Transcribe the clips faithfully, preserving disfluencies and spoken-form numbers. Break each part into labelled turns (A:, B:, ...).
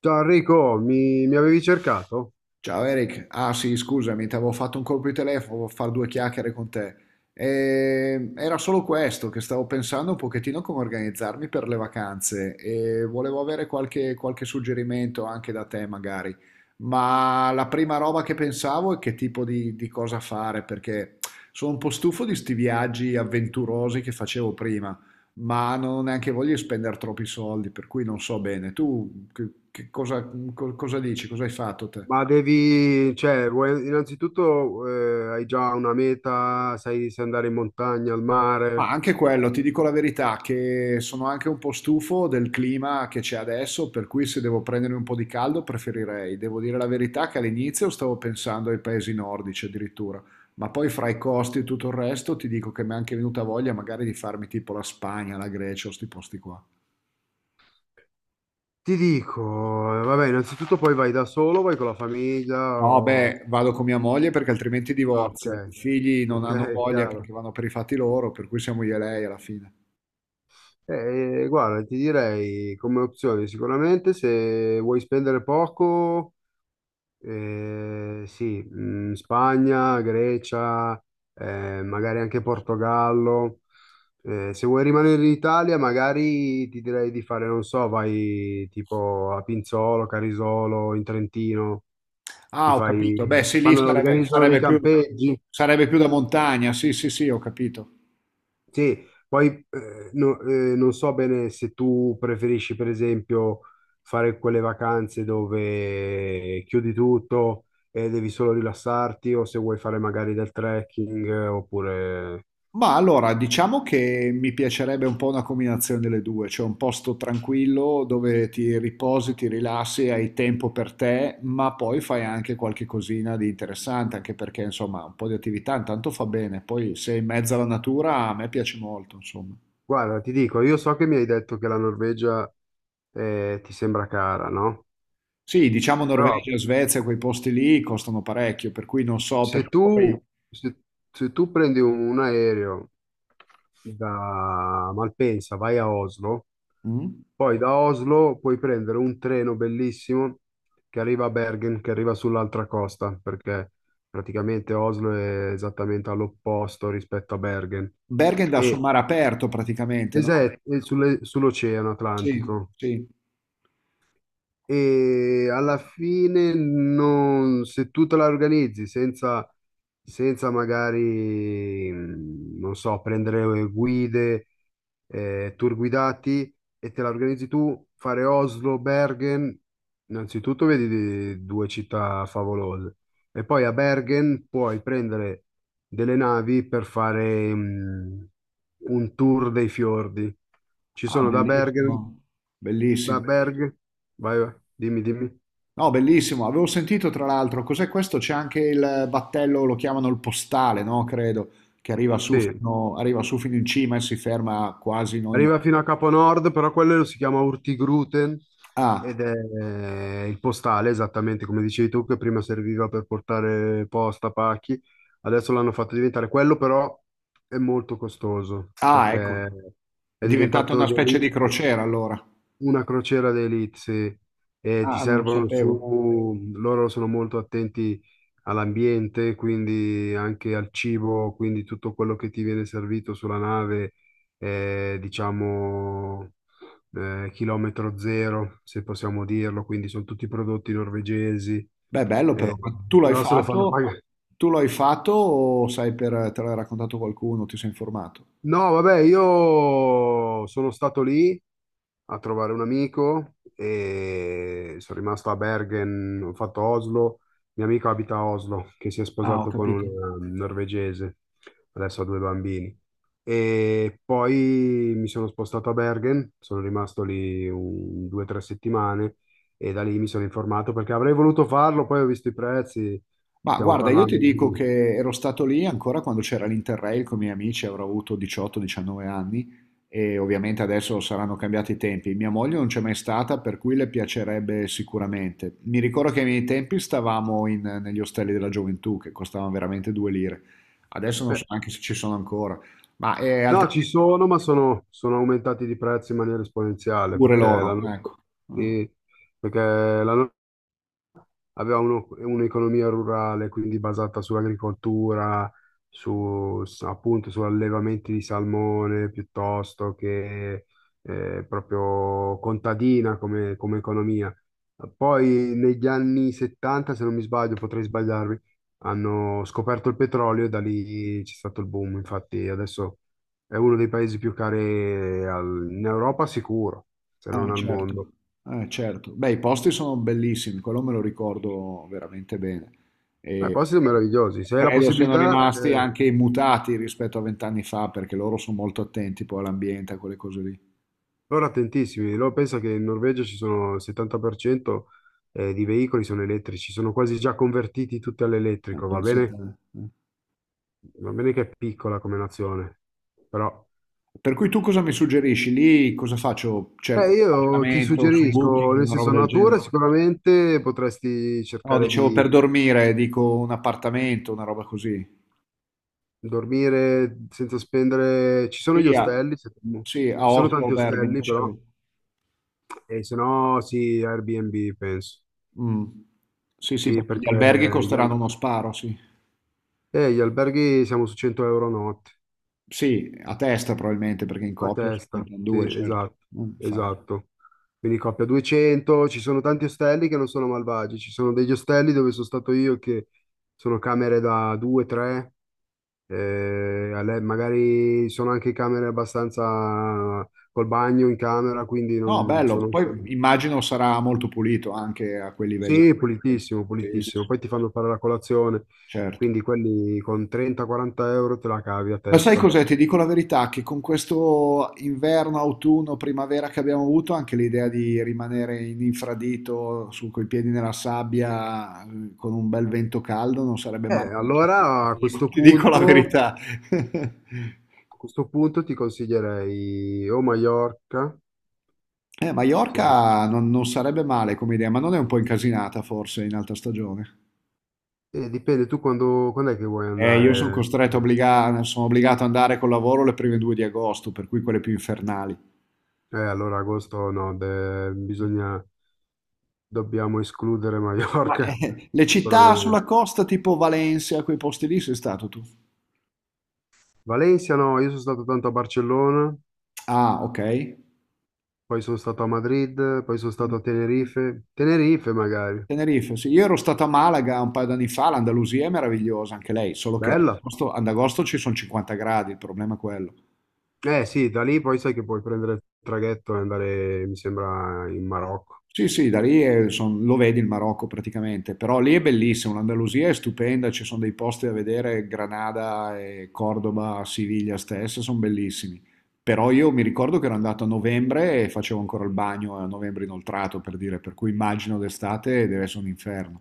A: Ciao Enrico, mi, mi avevi cercato?
B: Ciao Eric, ah sì, scusami, ti avevo fatto un colpo di telefono per fare due chiacchiere con te. E era solo questo, che stavo pensando un pochettino come organizzarmi per le vacanze e volevo avere qualche, qualche suggerimento anche da te magari. Ma la prima roba che pensavo è che tipo di, di cosa fare, perché sono un po' stufo di sti viaggi avventurosi che facevo prima, ma non ho neanche voglia di spendere troppi soldi, per cui non so bene. Tu che- che cosa, co- cosa dici? Cosa hai fatto te?
A: Ma devi, cioè, vuoi- innanzitutto eh, hai già una meta, sai se andare in montagna, al
B: Ma
A: mare?
B: anche quello, ti dico la verità, che sono anche un po' stufo del clima che c'è adesso, per cui se devo prendermi un po' di caldo preferirei. Devo dire la verità che all'inizio stavo pensando ai paesi nordici addirittura, ma poi fra i costi e tutto il resto ti dico che mi è anche venuta voglia magari di farmi tipo la Spagna, la Grecia o sti posti qua.
A: Ti dico, eh, vabbè, innanzitutto poi vai da solo, vai con la famiglia
B: No,
A: o...
B: beh, vado con mia moglie perché altrimenti
A: Ah, ok,
B: divorzia. I figli non
A: ok,
B: hanno voglia
A: chiaro.
B: perché vanno per i fatti loro, per cui siamo io e lei alla fine.
A: Eh, guarda, ti direi come opzione sicuramente se vuoi spendere poco. Eh, sì, mm, Spagna, Grecia, eh, magari anche Portogallo. Eh, se vuoi rimanere in Italia, magari ti direi di fare, non so, vai tipo a Pinzolo, Carisolo, in Trentino, ti
B: Ah, ho
A: fai,
B: capito. Beh, sì, lì
A: fanno,
B: sarebbe,
A: organizzano dei
B: sarebbe più,
A: campeggi.
B: sarebbe più da montagna. Sì, sì, sì, ho capito.
A: Sì, poi eh, no- eh, non so bene se tu preferisci, per esempio, fare quelle vacanze dove chiudi tutto e devi solo rilassarti, o se vuoi fare magari del trekking, eh, oppure...
B: Ma allora, diciamo che mi piacerebbe un po' una combinazione delle due, cioè un posto tranquillo dove ti riposi, ti rilassi, hai tempo per te, ma poi fai anche qualche cosina di interessante, anche perché insomma un po' di attività intanto fa bene, poi sei in mezzo alla natura, a me piace molto, insomma.
A: Guarda, ti dico, io so che mi hai detto che la Norvegia eh, ti sembra cara, no?
B: Sì, diciamo
A: Però
B: Norvegia, Svezia, quei posti lì costano parecchio, per cui non so
A: Se
B: perché
A: tu,
B: poi...
A: se- se tu prendi un, un aereo da Malpensa, vai a Oslo,
B: Mm?
A: poi da Oslo puoi prendere un treno bellissimo che arriva a Bergen, che arriva sull'altra costa, perché praticamente Oslo è esattamente all'opposto rispetto a Bergen.
B: Bergen dà sul
A: E,
B: mare aperto praticamente,
A: es-
B: no?
A: è- è sulle- sull'Oceano
B: Sì,
A: Atlantico.
B: sì.
A: E alla fine non, se tu te la organizzi senza, senza magari, mh, non so, prendere guide, eh, tour guidati e te la organizzi tu, fare Oslo, Bergen, innanzitutto vedi di- due città favolose e poi a Bergen puoi prendere delle navi per fare, mh, un tour dei fiordi. Ci
B: Ah,
A: sono da Bergen,
B: bellissimo,
A: da
B: bellissimo.
A: Berg, vai, vai, dimmi, dimmi.
B: No, bellissimo. Avevo sentito tra l'altro, cos'è questo? C'è anche il battello, lo chiamano il postale, no? Credo, che arriva su
A: Sì,
B: fino, arriva su fino in cima e si ferma quasi in ogni...
A: arriva fino a Capo Nord, però quello si chiama Urtigruten
B: Ah,
A: ed è eh, il postale, esattamente come dicevi tu, che prima serviva per portare posta, pacchi, adesso l'hanno fatto diventare quello, però è molto costoso
B: ah,
A: perché
B: ecco. È
A: è
B: diventata
A: diventato
B: una specie di
A: delitto.
B: crociera allora.
A: Una crociera d'élite, sì, e ti
B: Ah, non lo
A: servono
B: sapevo.
A: su, loro sono molto attenti all'ambiente, quindi anche al cibo, quindi tutto quello che ti viene servito sulla nave è, diciamo, eh, chilometro zero, se possiamo dirlo, quindi sono tutti prodotti norvegesi,
B: Beh, bello però.
A: eh,
B: Ma tu l'hai
A: però se lo fanno
B: fatto?
A: pagare.
B: Tu l'hai fatto o sai per... te l'ha raccontato qualcuno? Ti sei informato?
A: No, vabbè, io sono stato lì a trovare un amico e sono rimasto a Bergen, ho fatto Oslo. Mio amico abita a Oslo, che si è
B: Ah, ho
A: sposato con
B: capito.
A: una norvegese, adesso ha due bambini. E poi mi sono spostato a Bergen, sono rimasto lì un, due o tre settimane e da lì mi sono informato perché avrei voluto farlo, poi ho visto i prezzi,
B: Ma
A: stiamo
B: guarda, io Ma- ti
A: parlando
B: dico
A: di...
B: che ero stato lì ancora quando c'era l'Interrail con i miei amici, avrò avuto diciotto diciannove anni e ovviamente adesso saranno cambiati i tempi. Mia moglie non c'è mai stata, per cui le piacerebbe sicuramente. Mi ricordo che ai miei tempi stavamo in- negli ostelli della gioventù che costavano veramente due lire. Adesso non so
A: eh,
B: neanche se ci sono ancora, ma è
A: No,
B: altrimenti
A: ci sono, ma sono, sono aumentati di prezzo in maniera esponenziale
B: pure
A: perché
B: loro,
A: l'hanno
B: ecco.
A: sì, perché l'hanno aveva uno- un'economia rurale, quindi basata sull'agricoltura, su, su- appunto su allevamenti di salmone piuttosto che eh, proprio contadina come, come economia. Poi negli anni settanta, se non mi sbaglio, potrei sbagliarmi, hanno scoperto il petrolio e da lì c'è stato il boom. Infatti adesso è uno dei paesi più cari al- in Europa sicuro, se non
B: Ah,
A: al mondo.
B: certo, ah, certo. Beh, i posti sono bellissimi, quello me lo ricordo veramente bene.
A: Ma i
B: E
A: posti sono meravigliosi. Se hai la
B: credo siano
A: possibilità,
B: rimasti
A: eh.
B: anche immutati rispetto a vent'anni fa, perché loro sono molto attenti poi all'ambiente, a quelle cose lì.
A: Loro attentissimi, loro pensa che in Norvegia ci sono il settanta per cento eh, di veicoli sono elettrici, sono quasi già convertiti tutti
B: Eh,
A: all'elettrico, va
B: pensa
A: bene?
B: te, eh.
A: Va bene che è piccola come nazione, però
B: Per cui tu cosa mi suggerisci? Lì cosa faccio? Cerco
A: eh,
B: un
A: io ti
B: appartamento su
A: suggerisco,
B: Booking,
A: nel
B: una roba
A: senso
B: del
A: natura
B: genere?
A: sicuramente potresti
B: No,
A: cercare
B: dicevo
A: di
B: per dormire, dico un appartamento, una roba così.
A: dormire senza spendere, ci sono gli
B: Sì, a,
A: ostelli, se-
B: sì, a
A: ci sono
B: Oslo, o
A: tanti
B: Bergen,
A: ostelli però,
B: dicevo.
A: e se no sì, Airbnb penso,
B: Mh. Sì, sì,
A: sì
B: perché gli
A: perché
B: alberghi
A: gli,
B: costeranno
A: al-
B: uno sparo, sì.
A: eh, gli alberghi siamo su cento euro notte.
B: Sì, a testa probabilmente, perché in
A: A
B: coppia se ne
A: testa,
B: pren
A: sì,
B: due, certo.
A: esatto,
B: Mh, infatti.
A: esatto. Quindi coppia duecento, ci sono tanti ostelli che non sono malvagi, ci sono degli ostelli dove sono stato io che sono camere da due, tre, magari sono anche camere abbastanza col bagno in camera, quindi
B: No,
A: non
B: bello,
A: sono...
B: poi
A: insomma.
B: immagino sarà molto pulito anche a quei livelli.
A: Sì, pulitissimo,
B: Sì, sì,
A: pulitissimo.
B: sì,
A: Poi ti fanno fare la colazione,
B: certo.
A: quindi quelli con trenta-quaranta euro te la cavi a
B: Ma sai
A: testa.
B: cos'è? Ti dico la verità, che con questo inverno, autunno, primavera che abbiamo avuto, anche l'idea di rimanere in infradito, su coi piedi nella sabbia, eh, con un bel vento caldo, non sarebbe
A: Eh,
B: male.
A: allora a
B: Ti dico
A: questo
B: ti dico la
A: punto...
B: verità.
A: A questo punto ti consiglierei o Maiorca,
B: Eh,
A: se-
B: Maiorca non, non sarebbe male come idea, ma non è un po' incasinata forse in alta stagione?
A: eh, dipende tu quando, quando è che vuoi
B: Eh, io sono
A: andare.
B: costretto, obbliga- sono obbligato ad andare col lavoro le prime due di agosto, per cui quelle più infernali.
A: Eh, allora agosto no, de- bisogna, dobbiamo escludere
B: Ma,
A: Maiorca,
B: eh, le città sulla
A: sicuramente.
B: costa tipo Valencia, quei posti lì sei stato tu?
A: Valencia no, io sono stato tanto a Barcellona,
B: Ah, ok.
A: poi sono stato a Madrid, poi sono
B: Mm,
A: stato a Tenerife. Tenerife magari,
B: Tenerife, sì. Io ero stato a Malaga un paio d'anni fa, l'Andalusia è meravigliosa anche lei, solo che ad
A: bella.
B: agosto, ad agosto ci sono cinquanta gradi, il problema è quello.
A: Eh sì, da lì poi sai che puoi prendere il traghetto e andare, mi sembra, in Marocco.
B: Sì, sì, da lì è- son- lo vedi il Marocco praticamente, però lì è bellissimo, l'Andalusia è stupenda, ci sono dei posti da vedere, Granada e Cordoba, Siviglia stessa, sono bellissimi. Però io mi ricordo che ero andato a novembre e facevo ancora il bagno a novembre inoltrato, per dire, per cui immagino d'estate deve essere un inferno.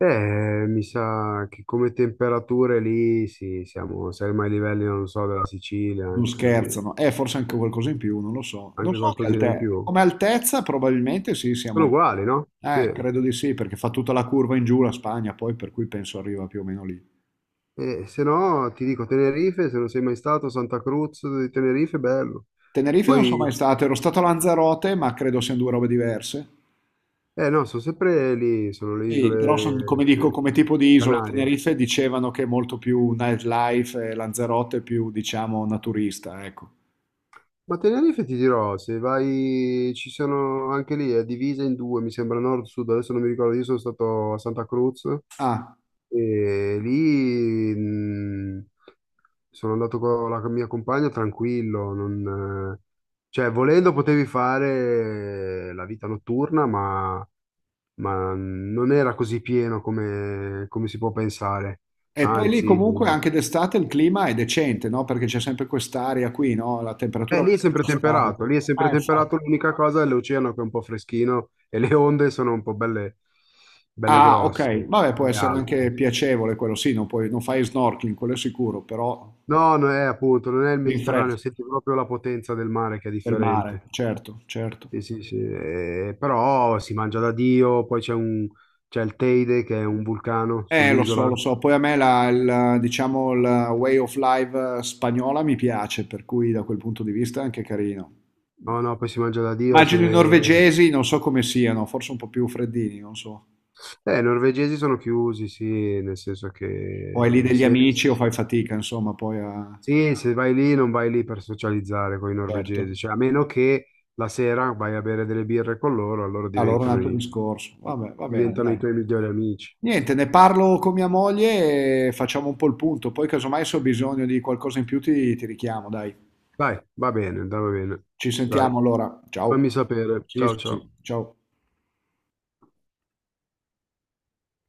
A: Eh, mi sa che come temperature lì sì, siamo, siamo ai livelli, non so, della Sicilia,
B: Non
A: anche così,
B: scherzano, eh, forse anche qualcosa in più, non lo so. Non
A: anche
B: so che
A: qualcosina in
B: altezza,
A: più.
B: come altezza probabilmente sì, siamo
A: Sono
B: lì.
A: uguali, no? Sì.
B: Eh, credo di sì, perché fa tutta la curva in giù la Spagna, poi per cui penso arriva più o meno lì.
A: E se no, ti dico Tenerife, se non sei mai stato, Santa Cruz di Tenerife, bello.
B: Tenerife non sono
A: Poi,
B: mai stato, ero stato a Lanzarote, ma credo siano due robe diverse.
A: eh no, sono sempre lì, sono le
B: Sì, però son- come
A: isole,
B: dico,
A: sì,
B: come tipo di isola,
A: Canarie.
B: Tenerife dicevano che è molto più nightlife e Lanzarote più, diciamo, naturista, ecco.
A: Ma Tenerife ti dirò, se vai, ci sono anche lì, è divisa in due, mi sembra nord-sud, adesso non mi ricordo, io sono stato a Santa Cruz
B: Ah,
A: e lì mh, sono andato con la mia compagna tranquillo, non, eh, cioè volendo potevi fare la vita notturna, ma, ma non era così pieno come, come si può pensare,
B: e poi lì
A: anzi...
B: comunque anche d'estate il clima è decente, no? Perché c'è sempre quest'aria qui, no? La temperatura
A: Eh,
B: è
A: lì è sempre
B: abbastanza
A: temperato,
B: stabile.
A: lì è sempre
B: Ah, infatti.
A: temperato, l'unica cosa è l'oceano che è un po' freschino e le onde sono un po' belle, belle
B: Ah, ok.
A: grosse,
B: Vabbè, può
A: belle
B: essere anche
A: alte.
B: piacevole quello, sì, non puoi- non fai snorkeling, quello è sicuro, però
A: No, non è appunto, non è il
B: ti
A: Mediterraneo,
B: rinfresca
A: senti proprio la potenza del mare che è
B: del mare,
A: differente.
B: certo, certo.
A: Sì, sì, sì. Eh, però si mangia da Dio, poi c'è un, c'è il Teide che è un vulcano
B: Eh, lo so,
A: sull'isola.
B: lo so. Poi a me la, il, diciamo, la way of life eh, spagnola mi piace, per cui da quel punto di vista è anche carino.
A: No, no, poi si mangia da Dio. Se...
B: Immagino i norvegesi, non so come siano, forse un po' più freddini, non so.
A: Eh, i norvegesi sono chiusi, sì, nel senso
B: O hai lì
A: che
B: degli
A: se,
B: amici o fai fatica, insomma, poi a...
A: sì, se vai lì non vai lì per socializzare con i norvegesi,
B: Certo.
A: cioè a meno che la sera vai a bere delle birre con loro, allora
B: Allora un
A: diventano
B: altro
A: i,
B: discorso. Vabbè, va bene,
A: diventano i
B: dai.
A: tuoi migliori amici.
B: Niente, ne parlo con mia moglie e facciamo un po' il punto. Poi casomai se ho bisogno di qualcosa in più ti, ti richiamo, dai.
A: Dai, va bene, dai, va bene.
B: Ci
A: Dai,
B: sentiamo allora. Ciao.
A: fammi sapere.
B: Sì,
A: Ciao,
B: sì,
A: ciao.
B: sì. Ciao.